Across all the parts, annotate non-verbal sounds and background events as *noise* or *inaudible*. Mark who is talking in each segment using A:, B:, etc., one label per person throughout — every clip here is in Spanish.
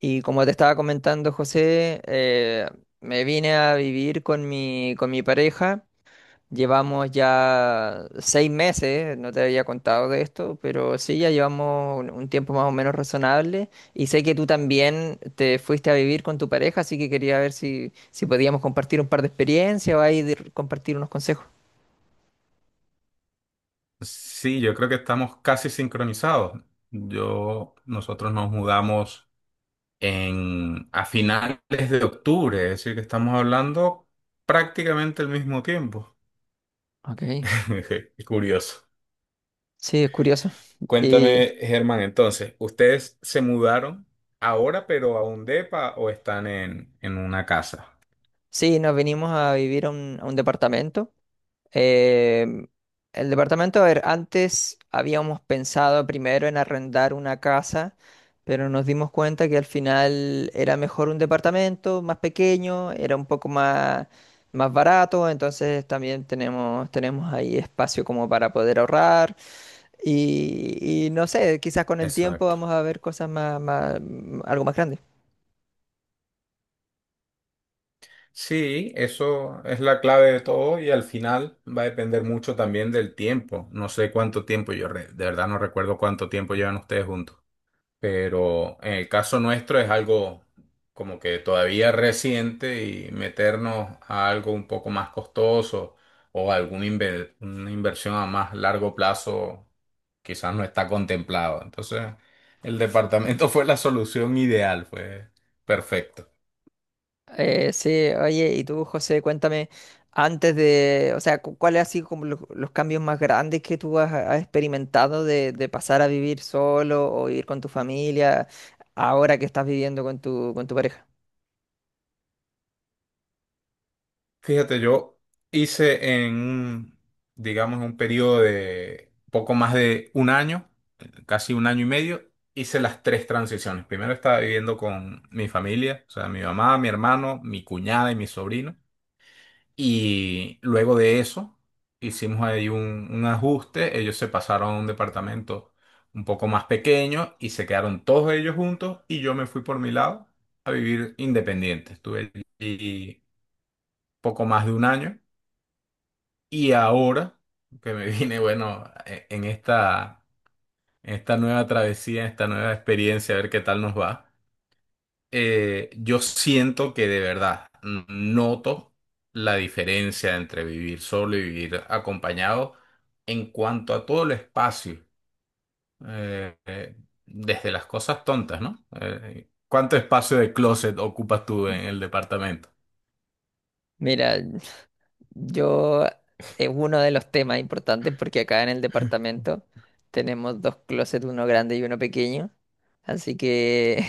A: Y como te estaba comentando, José, me vine a vivir con con mi pareja. Llevamos ya 6 meses, no te había contado de esto, pero sí, ya llevamos un tiempo más o menos razonable. Y sé que tú también te fuiste a vivir con tu pareja, así que quería ver si podíamos compartir un par de experiencias o compartir unos consejos.
B: Sí, yo creo que estamos casi sincronizados. Nosotros nos mudamos a finales de octubre, es decir, que estamos hablando prácticamente al mismo tiempo.
A: Ok,
B: *laughs* Qué curioso.
A: sí, es curioso. Y
B: Cuéntame, Germán, entonces, ¿ustedes se mudaron ahora, pero a un depa o están en una casa?
A: sí, nos venimos a vivir a un departamento. Em, el departamento, a ver, antes habíamos pensado primero en arrendar una casa, pero nos dimos cuenta que al final era mejor un departamento más pequeño, era un poco más barato, entonces también tenemos ahí espacio como para poder ahorrar. Y no sé, quizás con el tiempo
B: Exacto.
A: vamos a ver cosas algo más grande.
B: Sí, eso es la clave de todo y al final va a depender mucho también del tiempo. No sé cuánto tiempo, de verdad no recuerdo cuánto tiempo llevan ustedes juntos, pero en el caso nuestro es algo como que todavía reciente y meternos a algo un poco más costoso o una inversión a más largo plazo quizás no está contemplado. Entonces, el departamento *laughs* fue la solución ideal, fue perfecto.
A: Sí, oye, y tú, José, cuéntame, antes de, o sea, cu- ¿cuáles han sido como los cambios más grandes que tú has experimentado de pasar a vivir solo o vivir con tu familia ahora que estás viviendo con tu pareja?
B: Fíjate, yo hice digamos, un periodo de poco más de un año, casi un año y medio, hice las tres transiciones. Primero estaba viviendo con mi familia, o sea, mi mamá, mi hermano, mi cuñada y mi sobrino. Y luego de eso, hicimos ahí un ajuste. Ellos se pasaron a un departamento un poco más pequeño y se quedaron todos ellos juntos y yo me fui por mi lado a vivir independiente. Estuve allí poco más de un año. Y ahora que me *laughs* vine, bueno, en esta nueva travesía, en esta nueva experiencia, a ver qué tal nos va, yo siento que de verdad noto la diferencia entre vivir solo y vivir acompañado en cuanto a todo el espacio, eh, eh, desde las cosas tontas, ¿no? ¿Cuánto espacio de closet ocupas tú en el departamento?
A: Mira, yo es uno de los temas importantes porque acá en el departamento tenemos dos closets, uno grande y uno pequeño, así que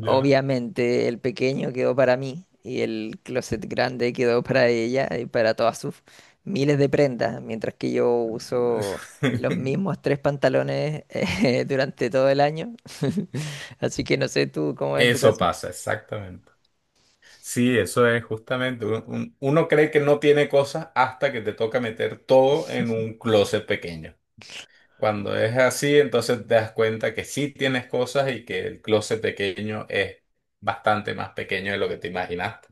B: Ya.
A: obviamente el pequeño quedó para mí y el closet grande quedó para ella y para todas sus miles de prendas, mientras que yo uso los
B: *laughs*
A: mismos 3 pantalones *laughs* durante todo el año. *laughs* Así que no sé tú cómo es en tu
B: Eso
A: caso.
B: pasa, exactamente. Sí, eso es justamente. Uno cree que no tiene cosas hasta que te toca meter todo en un closet pequeño. Cuando es así, entonces te das cuenta que sí tienes cosas y que el closet pequeño es bastante más pequeño de lo que te imaginaste.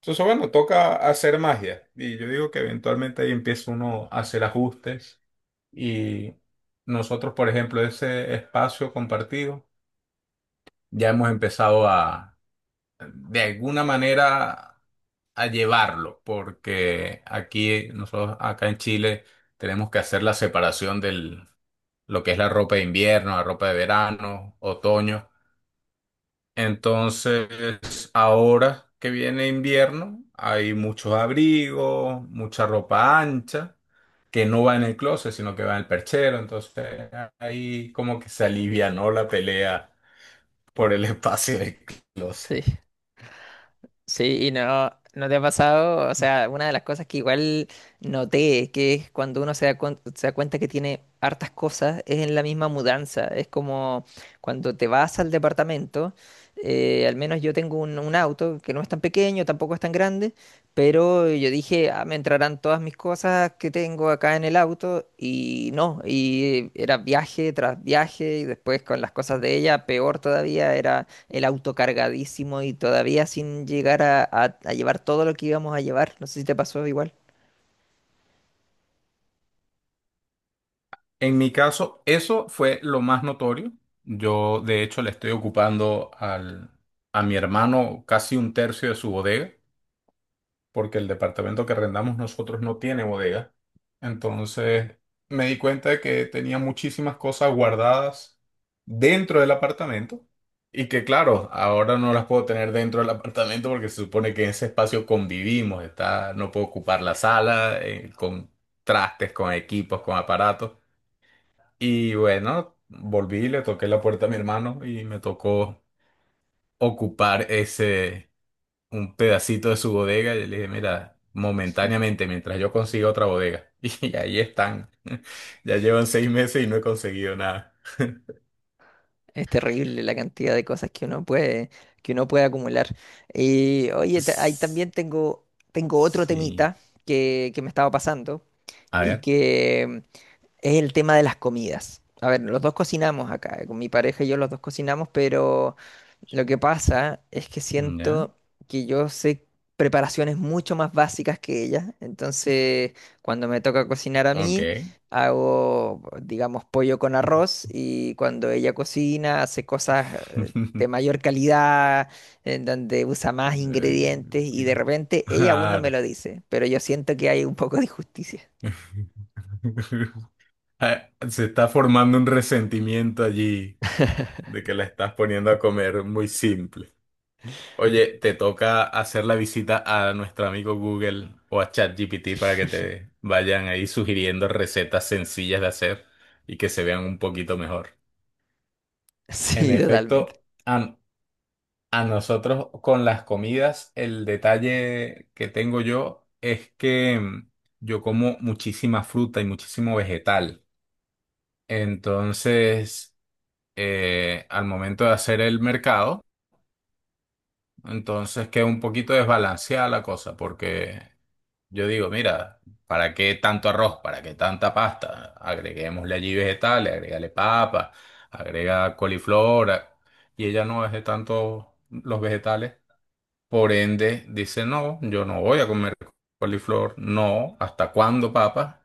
B: Entonces, bueno, toca hacer magia. Y yo digo que eventualmente ahí empieza uno a hacer ajustes. Y nosotros, por ejemplo, ese espacio compartido, ya hemos empezado de alguna manera a llevarlo, porque aquí nosotros acá en Chile tenemos que hacer la separación del lo que es la ropa de invierno, la ropa de verano, otoño. Entonces, ahora que viene invierno, hay muchos abrigos, mucha ropa ancha, que no va en el closet, sino que va en el perchero. Entonces, ahí como que se alivianó la pelea por el *laughs* espacio del closet.
A: Sí, y no, no te ha pasado, o sea, una de las cosas que igual noté, que es cuando uno se da cuenta que tiene hartas cosas, es en la misma mudanza, es como cuando te vas al departamento, al menos yo tengo un auto que no es tan pequeño, tampoco es tan grande, pero yo dije, ah, me entrarán todas mis cosas que tengo acá en el auto, y no, y era viaje tras viaje, y después con las cosas de ella, peor todavía, era el auto cargadísimo y todavía sin llegar a llevar todo lo que íbamos a llevar. No sé si te pasó igual.
B: En mi caso, eso fue lo más notorio. Yo, de hecho, le estoy ocupando a mi hermano casi un tercio de su bodega, porque el departamento que arrendamos nosotros no tiene bodega. Entonces, me di cuenta de que tenía muchísimas cosas guardadas dentro del apartamento y que, claro, ahora no las puedo tener dentro del apartamento porque se supone que en ese espacio convivimos, está, no puedo ocupar la sala, con trastes, con equipos, con aparatos. Y bueno, volví, le toqué la puerta a mi hermano y me tocó ocupar un pedacito de su bodega. Y le dije, mira, momentáneamente, mientras yo consiga otra bodega. *laughs* Y ahí están. *laughs* Ya llevan 6 meses y no he conseguido nada.
A: Es terrible la cantidad de cosas que uno que uno puede acumular. Y oye,
B: S-
A: tengo otro
B: Sí.
A: temita que me estaba pasando
B: A
A: y
B: ver.
A: que es el tema de las comidas. A ver, los dos cocinamos acá, con mi pareja y yo los dos cocinamos, pero lo que pasa es que
B: Ya.
A: siento que yo sé preparaciones mucho más básicas que ella. Entonces, cuando me toca cocinar a mí,
B: Ok.
A: hago, digamos, pollo con arroz y cuando ella cocina, hace cosas
B: *laughs*
A: de mayor calidad, en donde usa más
B: Eh,
A: ingredientes y de
B: Claro.
A: repente ella aún no me
B: Claro.
A: lo dice, pero yo siento que hay un poco de injusticia. *laughs*
B: *laughs* Ah, se está formando un resentimiento allí. De que la estás poniendo a comer muy simple. Oye, te toca hacer la visita a nuestro amigo Google o a ChatGPT para que te vayan ahí sugiriendo recetas sencillas de hacer y que se vean un poquito mejor. En
A: Sí, totalmente.
B: efecto, a nosotros con las comidas, el detalle que tengo yo es que yo como muchísima fruta y muchísimo vegetal. Entonces, al momento de hacer el mercado, entonces que un poquito desbalanceada la cosa, porque yo digo, mira, ¿para qué tanto arroz? ¿Para qué tanta pasta? Agreguémosle allí vegetales, agrégale papa, agrega coliflor, y ella no es de tanto los vegetales. Por ende, dice, no, yo no voy a comer coliflor, no, ¿hasta cuándo papa?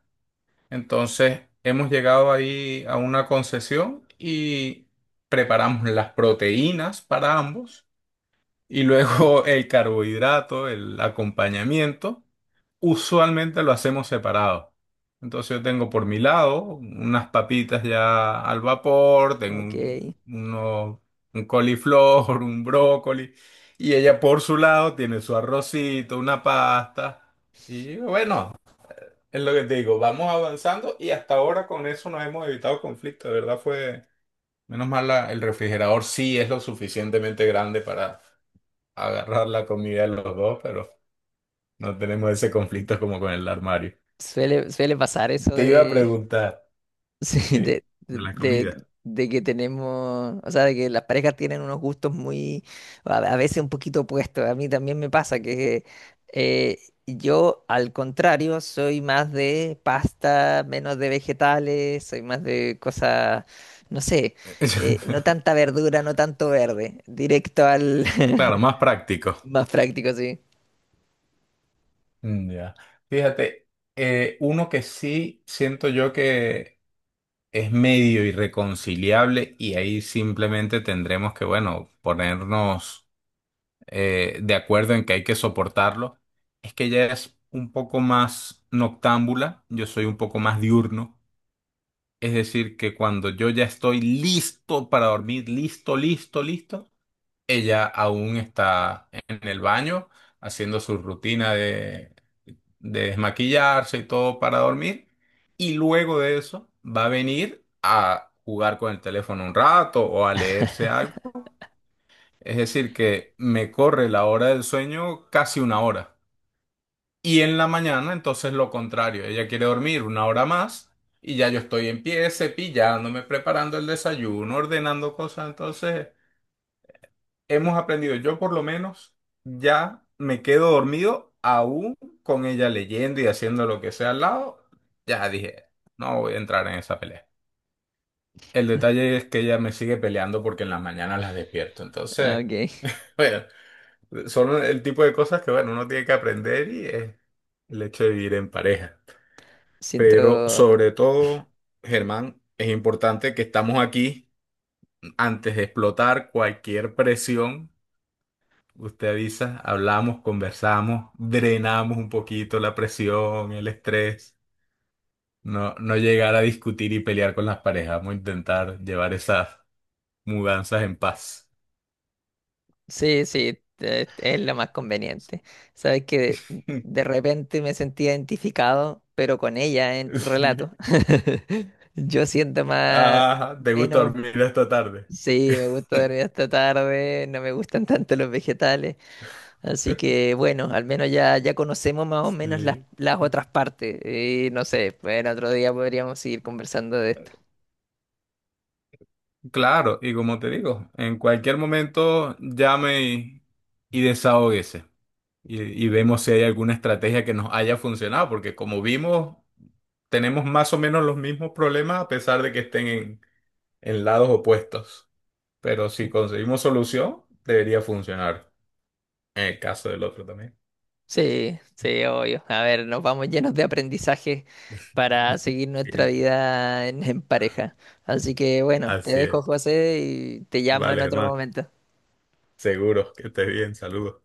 B: Entonces, hemos llegado ahí a una concesión y preparamos las proteínas para ambos y luego *laughs* el carbohidrato, el acompañamiento, usualmente lo hacemos separado. Entonces yo tengo por mi lado unas papitas ya al vapor, tengo
A: Ok.
B: un coliflor, *laughs* un brócoli, y ella por su lado tiene su arrocito, una pasta. Y bueno, es lo que te digo, vamos avanzando y hasta ahora con eso nos hemos evitado conflictos. De verdad fue, menos mal el refrigerador sí es lo suficientemente grande para agarrar la comida de los dos, pero no tenemos ese conflicto como con el armario.
A: Suele, suele pasar eso
B: Te iba a
A: de
B: preguntar,
A: *laughs*
B: ¿sí?
A: Sí,
B: De la comida.
A: de que tenemos, o sea, de que las parejas tienen unos gustos muy, a veces un poquito opuestos. A mí también me pasa que eh, yo, al contrario, soy más de pasta, menos de vegetales, soy más de cosas, no sé, no
B: *laughs*
A: tanta verdura, no tanto verde, directo al
B: Claro, más
A: *laughs*
B: práctico.
A: más práctico, sí.
B: Ya. Fíjate, uno que sí siento yo que es medio irreconciliable y ahí simplemente tendremos que, bueno, ponernos de acuerdo en que hay que soportarlo, es que ella es un poco más noctámbula, yo soy un poco más diurno. Es decir, que cuando yo ya estoy listo para dormir, listo, listo, listo, ella aún está en el baño haciendo su rutina de desmaquillarse y todo para dormir. Y luego de eso va a venir a jugar con el teléfono un rato o a leerse
A: *laughs*
B: algo. Es decir, que me corre la hora del sueño casi una hora. Y en la mañana, entonces lo contrario, ella quiere dormir una hora más y ya yo estoy en pie, cepillándome, preparando el desayuno, ordenando cosas. Entonces, hemos aprendido, yo por lo menos ya me quedo dormido aún con ella leyendo y haciendo lo que sea al lado. Ya dije, no voy a entrar en esa pelea. El detalle es que ella me sigue peleando porque en las mañanas las despierto.
A: Ah,
B: Entonces,
A: ok,
B: *laughs* bueno, son el tipo de cosas que, bueno, uno tiene que aprender y es el hecho de vivir en pareja. Pero
A: siento.
B: sobre todo, Germán, es importante que estamos aquí antes de explotar cualquier presión. Usted avisa, hablamos, conversamos, drenamos un poquito la presión, el estrés. No llegar a discutir y pelear con las parejas. Vamos a intentar llevar esas mudanzas en paz.
A: Sí, sí, es lo más conveniente. Sabes que
B: *laughs*
A: de repente me sentí identificado, pero con ella en tu
B: Sí.
A: relato. *laughs* Yo siento más,
B: Ajá, ¿te gusta
A: menos,
B: dormir esta tarde?
A: sí, me gusta
B: *laughs*
A: dormir hasta tarde, no me gustan tanto los vegetales. Así que bueno, al menos ya, ya conocemos más o menos
B: Sí.
A: las otras partes. Y no sé, pues en otro día podríamos seguir conversando de esto.
B: Claro, y como te digo, en cualquier momento llame y desahóguese y vemos si hay alguna estrategia que nos haya funcionado, porque como vimos, tenemos más o menos los mismos problemas a pesar de que estén en lados opuestos. Pero si conseguimos solución, debería funcionar en el caso del otro también.
A: Sí, sí, obvio. A ver, nos vamos llenos de aprendizaje para seguir
B: *laughs*
A: nuestra
B: Siempre.
A: vida en pareja. Así que bueno, te
B: Así
A: dejo,
B: es.
A: José, y te llamo en
B: Vale,
A: otro
B: hermano.
A: momento.
B: Seguro que estés bien. Saludos.